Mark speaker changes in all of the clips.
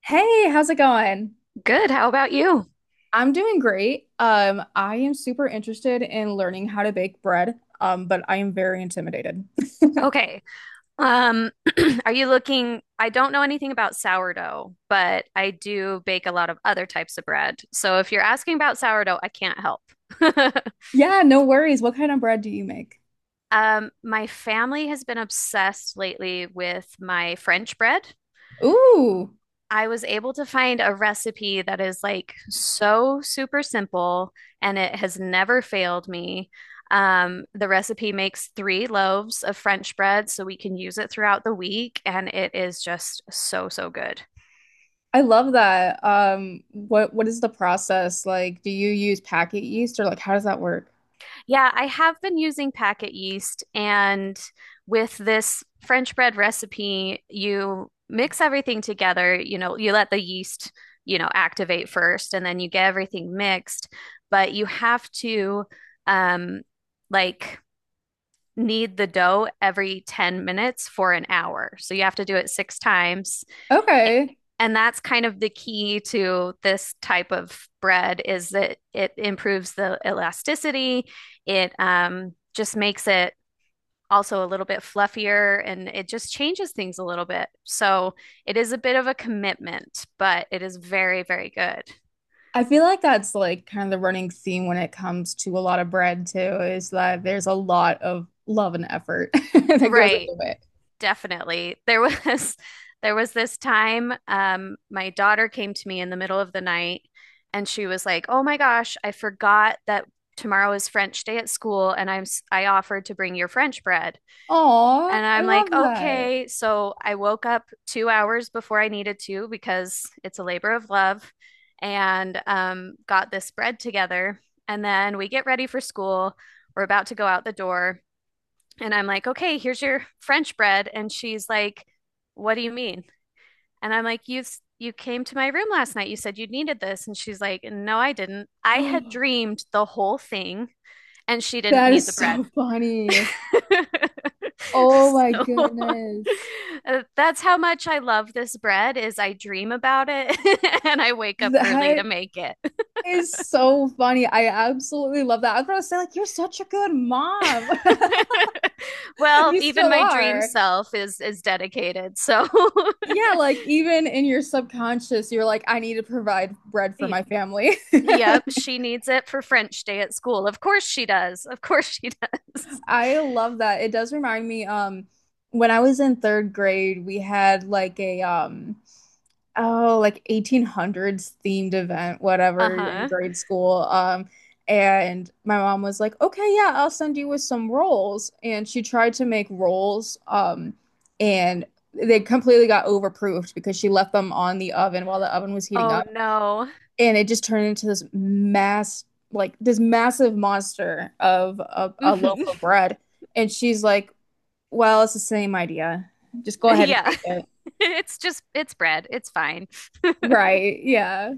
Speaker 1: Hey, how's it going?
Speaker 2: Good. How about you?
Speaker 1: I'm doing great. I am super interested in learning how to bake bread, but I am very intimidated.
Speaker 2: Okay. Um, are you looking? I don't know anything about sourdough, but I do bake a lot of other types of bread. So if you're asking about sourdough, I can't help.
Speaker 1: Yeah, no worries. What kind of bread do you make?
Speaker 2: My family has been obsessed lately with my French bread.
Speaker 1: Ooh,
Speaker 2: I was able to find a recipe that is like so super simple and it has never failed me. The recipe makes three loaves of French bread so we can use it throughout the week, and it is just so, so good.
Speaker 1: I love that. What is the process like? Do you use packet yeast or like how does that work?
Speaker 2: Yeah, I have been using packet yeast, and with this French bread recipe, you mix everything together. You let the yeast, activate first, and then you get everything mixed. But you have to, um, like, knead the dough every 10 minutes for an hour. So you have to do it six times,
Speaker 1: Okay.
Speaker 2: and that's kind of the key to this type of bread is that it improves the elasticity. It just makes it also a little bit fluffier and it just changes things a little bit. So it is a bit of a commitment, but it is very, very good.
Speaker 1: I feel like that's like kind of the running theme when it comes to a lot of bread too, is that there's a lot of love and effort that goes
Speaker 2: Right.
Speaker 1: into it.
Speaker 2: Definitely. There was There was this time my daughter came to me in the middle of the night and she was like, "Oh my gosh, I forgot that tomorrow is French day at school and I offered to bring your French bread."
Speaker 1: Aw,
Speaker 2: And
Speaker 1: I
Speaker 2: I'm
Speaker 1: love
Speaker 2: like,
Speaker 1: that.
Speaker 2: "Okay." So I woke up 2 hours before I needed to because it's a labor of love and got this bread together and then we get ready for school. We're about to go out the door and I'm like, okay, here's your French bread. And she's like, what do you mean? And I'm like, you came to my room last night. You said you needed this. And she's like, no, I didn't. I had dreamed the whole thing, and she didn't
Speaker 1: That
Speaker 2: need
Speaker 1: is
Speaker 2: the bread.
Speaker 1: so funny. Oh my
Speaker 2: So
Speaker 1: goodness.
Speaker 2: that's how much I love this bread is I dream about it and I wake up early
Speaker 1: That
Speaker 2: to make it.
Speaker 1: is so funny. I absolutely love that. I was gonna say, like, you're such a good mom.
Speaker 2: Well,
Speaker 1: You
Speaker 2: even
Speaker 1: still
Speaker 2: my dream
Speaker 1: are.
Speaker 2: self is dedicated. So
Speaker 1: Yeah, like even in your subconscious, you're like, I need to provide bread for
Speaker 2: yeah,
Speaker 1: my family.
Speaker 2: Yep, she needs it for French day at school. Of course she does. Of course she does.
Speaker 1: I love that. It does remind me, when I was in third grade, we had like a oh like 1800s themed event, whatever, in
Speaker 2: Uh-huh.
Speaker 1: grade school. And my mom was like, "Okay, yeah, I'll send you with some rolls." And she tried to make rolls, and they completely got overproofed because she left them on the oven while the oven was heating
Speaker 2: Oh
Speaker 1: up,
Speaker 2: no.
Speaker 1: and it just turned into this mass, like this massive monster of a loaf
Speaker 2: Mhm.
Speaker 1: of bread. And she's like, well, it's the same idea, just go ahead and
Speaker 2: Yeah.
Speaker 1: take it.
Speaker 2: It's just it's bread. It's fine.
Speaker 1: Right, yeah,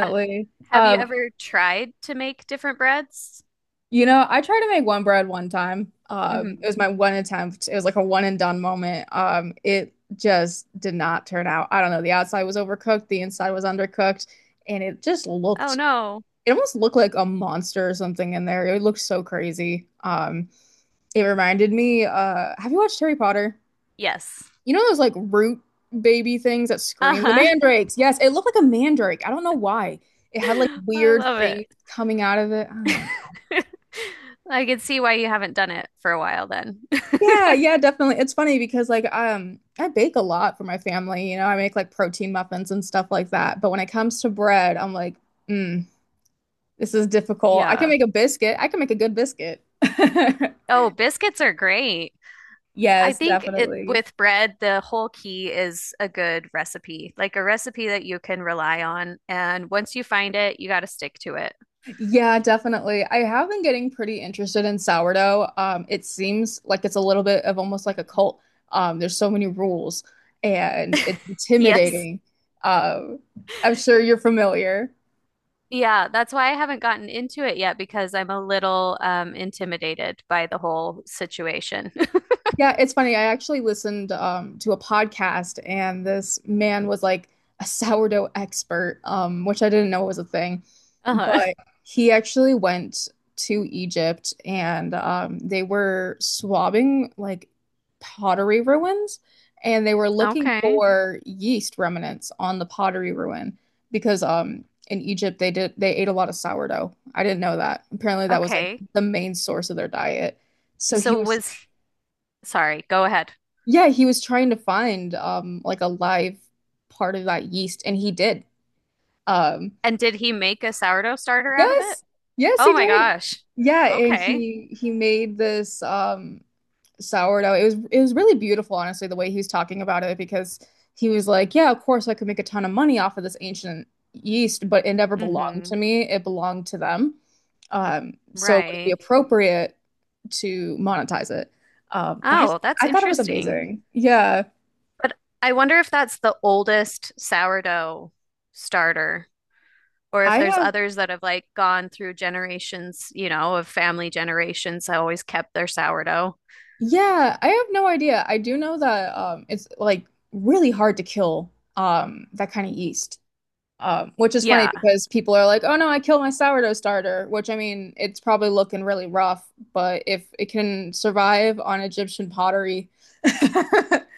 Speaker 2: Uh, have you
Speaker 1: um
Speaker 2: ever tried to make different breads?
Speaker 1: you know, I tried to make one bread one time. It
Speaker 2: Hmm.
Speaker 1: was my one attempt. It was like a one and done moment. It just did not turn out. I don't know, the outside was overcooked, the inside was undercooked, and it just
Speaker 2: Oh
Speaker 1: looked,
Speaker 2: no.
Speaker 1: it almost looked like a monster or something in there. It looked so crazy. It reminded me, have you watched Harry Potter?
Speaker 2: Yes.
Speaker 1: You know those like root baby things that scream? The
Speaker 2: Uh-huh.
Speaker 1: mandrakes. Yes, it looked like a mandrake. I don't know why. It had like
Speaker 2: I
Speaker 1: weird
Speaker 2: love it.
Speaker 1: things coming out of it. I don't know.
Speaker 2: I can see why you haven't done it for a while then.
Speaker 1: Yeah, yeah, definitely. It's funny because like I bake a lot for my family, I make like protein muffins and stuff like that. But when it comes to bread, I'm like, mm, this is difficult. I can
Speaker 2: Yeah.
Speaker 1: make a biscuit. I can make a good biscuit.
Speaker 2: Oh, biscuits are great. I
Speaker 1: Yes,
Speaker 2: think
Speaker 1: definitely.
Speaker 2: with bread, the whole key is a good recipe, like a recipe that you can rely on. And once you find it, you got to stick to it.
Speaker 1: Yeah, definitely. I have been getting pretty interested in sourdough. It seems like it's a little bit of almost like a cult. There's so many rules and it's Yeah.
Speaker 2: Yes.
Speaker 1: intimidating. Um, I'm sure you're familiar.
Speaker 2: Yeah, that's why I haven't gotten into it yet because I'm a little intimidated by the whole situation.
Speaker 1: Yeah, it's funny. I actually listened to a podcast, and this man was like a sourdough expert, which I didn't know was a thing.
Speaker 2: Uh-huh.
Speaker 1: But he actually went to Egypt, and they were swabbing like pottery ruins, and they were looking
Speaker 2: Okay.
Speaker 1: for yeast remnants on the pottery ruin because in Egypt they ate a lot of sourdough. I didn't know that. Apparently, that was like
Speaker 2: Okay.
Speaker 1: the main source of their diet. So he
Speaker 2: So
Speaker 1: was,
Speaker 2: was, Sorry, go ahead.
Speaker 1: yeah, he was trying to find like a live part of that yeast, and he did. Um
Speaker 2: And did he make a sourdough starter out of it?
Speaker 1: yes. Yes,
Speaker 2: Oh
Speaker 1: he
Speaker 2: my
Speaker 1: did.
Speaker 2: gosh.
Speaker 1: Yeah, and
Speaker 2: Okay.
Speaker 1: he made this sourdough. It was really beautiful, honestly, the way he was talking about it, because he was like, yeah, of course I could make a ton of money off of this ancient yeast, but it never belonged
Speaker 2: Mm-hmm.
Speaker 1: to me. It belonged to them. Um, so it would be
Speaker 2: Right.
Speaker 1: appropriate to monetize it. But
Speaker 2: Oh, that's
Speaker 1: I thought it was
Speaker 2: interesting.
Speaker 1: amazing. Yeah.
Speaker 2: But I wonder if that's the oldest sourdough starter, or if there's
Speaker 1: I
Speaker 2: others that have like gone through generations, you know, of family generations that always kept their sourdough.
Speaker 1: Yeah, I have no idea. I do know that it's like really hard to kill that kind of yeast. Which is funny
Speaker 2: Yeah,
Speaker 1: because people are like, "Oh no, I killed my sourdough starter," which I mean, it's probably looking really rough, but if it can survive on Egyptian pottery.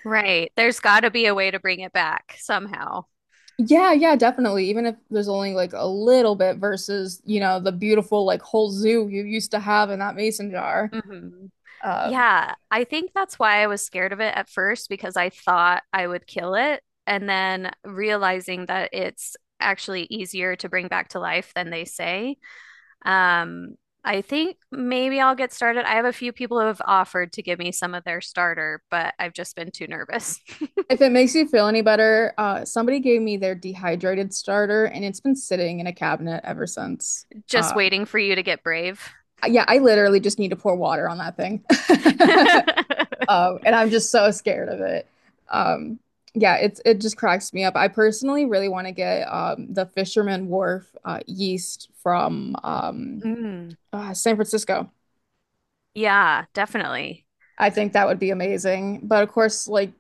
Speaker 2: right. There's got to be a way to bring it back somehow.
Speaker 1: Yeah, yeah, definitely. Even if there's only like a little bit versus, you know, the beautiful like whole zoo you used to have in that mason jar.
Speaker 2: Hmm.
Speaker 1: Um,
Speaker 2: Yeah, I think that's why I was scared of it at first because I thought I would kill it. And then realizing that it's actually easier to bring back to life than they say. Um, I think maybe I'll get started. I have a few people who have offered to give me some of their starter, but I've just been too nervous.
Speaker 1: if it makes you feel any better, somebody gave me their dehydrated starter, and it's been sitting in a cabinet ever since.
Speaker 2: Just
Speaker 1: Uh,
Speaker 2: waiting for you to get brave.
Speaker 1: yeah, I literally just need to pour water on that thing. And I'm just so scared of it. Um, yeah, it just cracks me up. I personally really want to get the Fisherman Wharf yeast from
Speaker 2: Mm,
Speaker 1: San Francisco.
Speaker 2: yeah, definitely.
Speaker 1: I think that would be amazing. But of course, like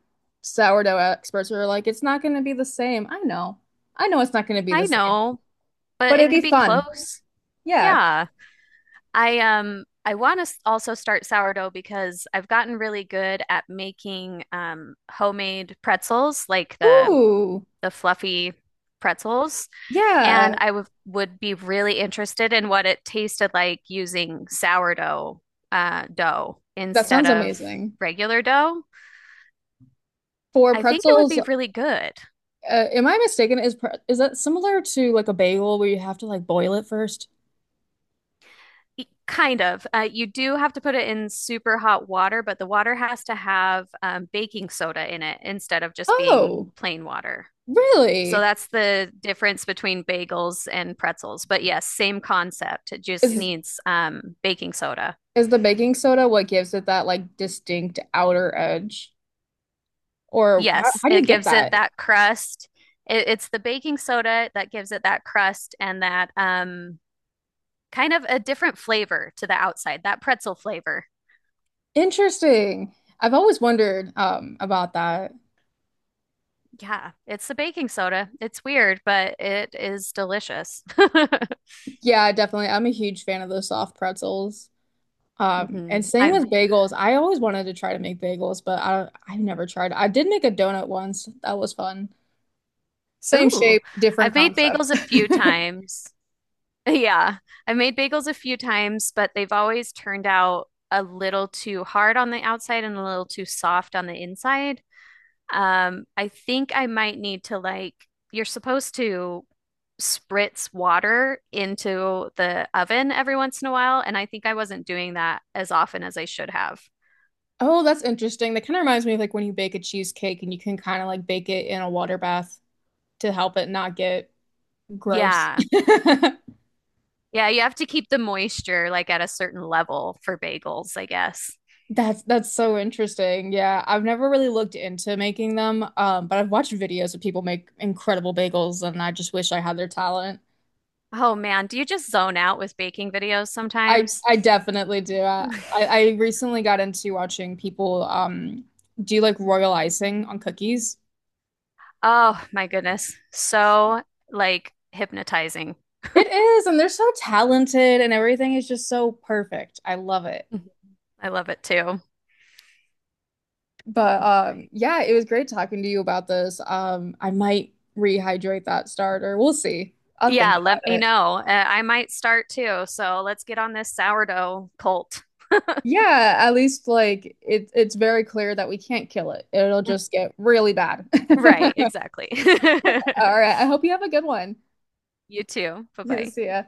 Speaker 1: sourdough experts are like, it's not going to be the same. I know. I know it's not going to be the
Speaker 2: I
Speaker 1: same.
Speaker 2: know, but
Speaker 1: But it'd
Speaker 2: it could
Speaker 1: be
Speaker 2: be
Speaker 1: fun.
Speaker 2: close.
Speaker 1: Yeah.
Speaker 2: Yeah. I want to also start sourdough because I've gotten really good at making homemade pretzels, like the
Speaker 1: Ooh,
Speaker 2: fluffy pretzels. And
Speaker 1: yeah.
Speaker 2: I would be really interested in what it tasted like using sourdough dough
Speaker 1: That
Speaker 2: instead
Speaker 1: sounds
Speaker 2: of
Speaker 1: amazing.
Speaker 2: regular dough.
Speaker 1: For
Speaker 2: I think it would
Speaker 1: pretzels,
Speaker 2: be really good.
Speaker 1: am I mistaken? Is that similar to like a bagel where you have to like boil it first?
Speaker 2: Kind of. You do have to put it in super hot water, but the water has to have baking soda in it instead of just being
Speaker 1: Oh,
Speaker 2: plain water. So
Speaker 1: really?
Speaker 2: that's the difference between bagels and pretzels. But yes, same concept. It just
Speaker 1: Is
Speaker 2: needs baking soda.
Speaker 1: is the baking soda what gives it that like distinct outer edge? Or how
Speaker 2: Yes,
Speaker 1: how do you
Speaker 2: it
Speaker 1: get
Speaker 2: gives it
Speaker 1: that?
Speaker 2: that crust. It's the baking soda that gives it that crust and that kind of a different flavor to the outside, that pretzel flavor.
Speaker 1: Interesting. I've always wondered about that.
Speaker 2: Yeah, it's the baking soda. It's weird, but it is delicious.
Speaker 1: Yeah, definitely. I'm a huge fan of those soft pretzels. And same
Speaker 2: I
Speaker 1: with bagels. I always wanted to try to make bagels, but I never tried. I did make a donut once. That was fun. Same
Speaker 2: Ooh,
Speaker 1: shape, different
Speaker 2: I've made
Speaker 1: concept.
Speaker 2: bagels a few times. Yeah, I've made bagels a few times, but they've always turned out a little too hard on the outside and a little too soft on the inside. I think I might need to you're supposed to spritz water into the oven every once in a while, and I think I wasn't doing that as often as I should have.
Speaker 1: Oh, that's interesting. That kind of reminds me of like when you bake a cheesecake and you can kind of like bake it in a water bath to help it not get gross.
Speaker 2: Yeah. Yeah, you have to keep the moisture like at a certain level for bagels, I guess.
Speaker 1: That's so interesting. Yeah, I've never really looked into making them, but I've watched videos of people make incredible bagels, and I just wish I had their talent.
Speaker 2: Oh man, do you just zone out with baking videos
Speaker 1: I
Speaker 2: sometimes?
Speaker 1: I definitely do. I recently got into watching people do like royal icing on cookies.
Speaker 2: Oh my goodness. So like hypnotizing.
Speaker 1: It is, and they're so talented and everything is just so perfect. I love it.
Speaker 2: I love it too.
Speaker 1: But yeah, it was great talking to you about this. Um, I might rehydrate that starter. We'll see. I'll think
Speaker 2: Yeah, let
Speaker 1: about
Speaker 2: me
Speaker 1: it.
Speaker 2: know. I might start too. So let's get on this sourdough cult.
Speaker 1: Yeah, at least like it's very clear that we can't kill it. It'll just get really bad.
Speaker 2: Right, exactly.
Speaker 1: All right. I hope you have a good one.
Speaker 2: You too. Bye bye.
Speaker 1: See ya.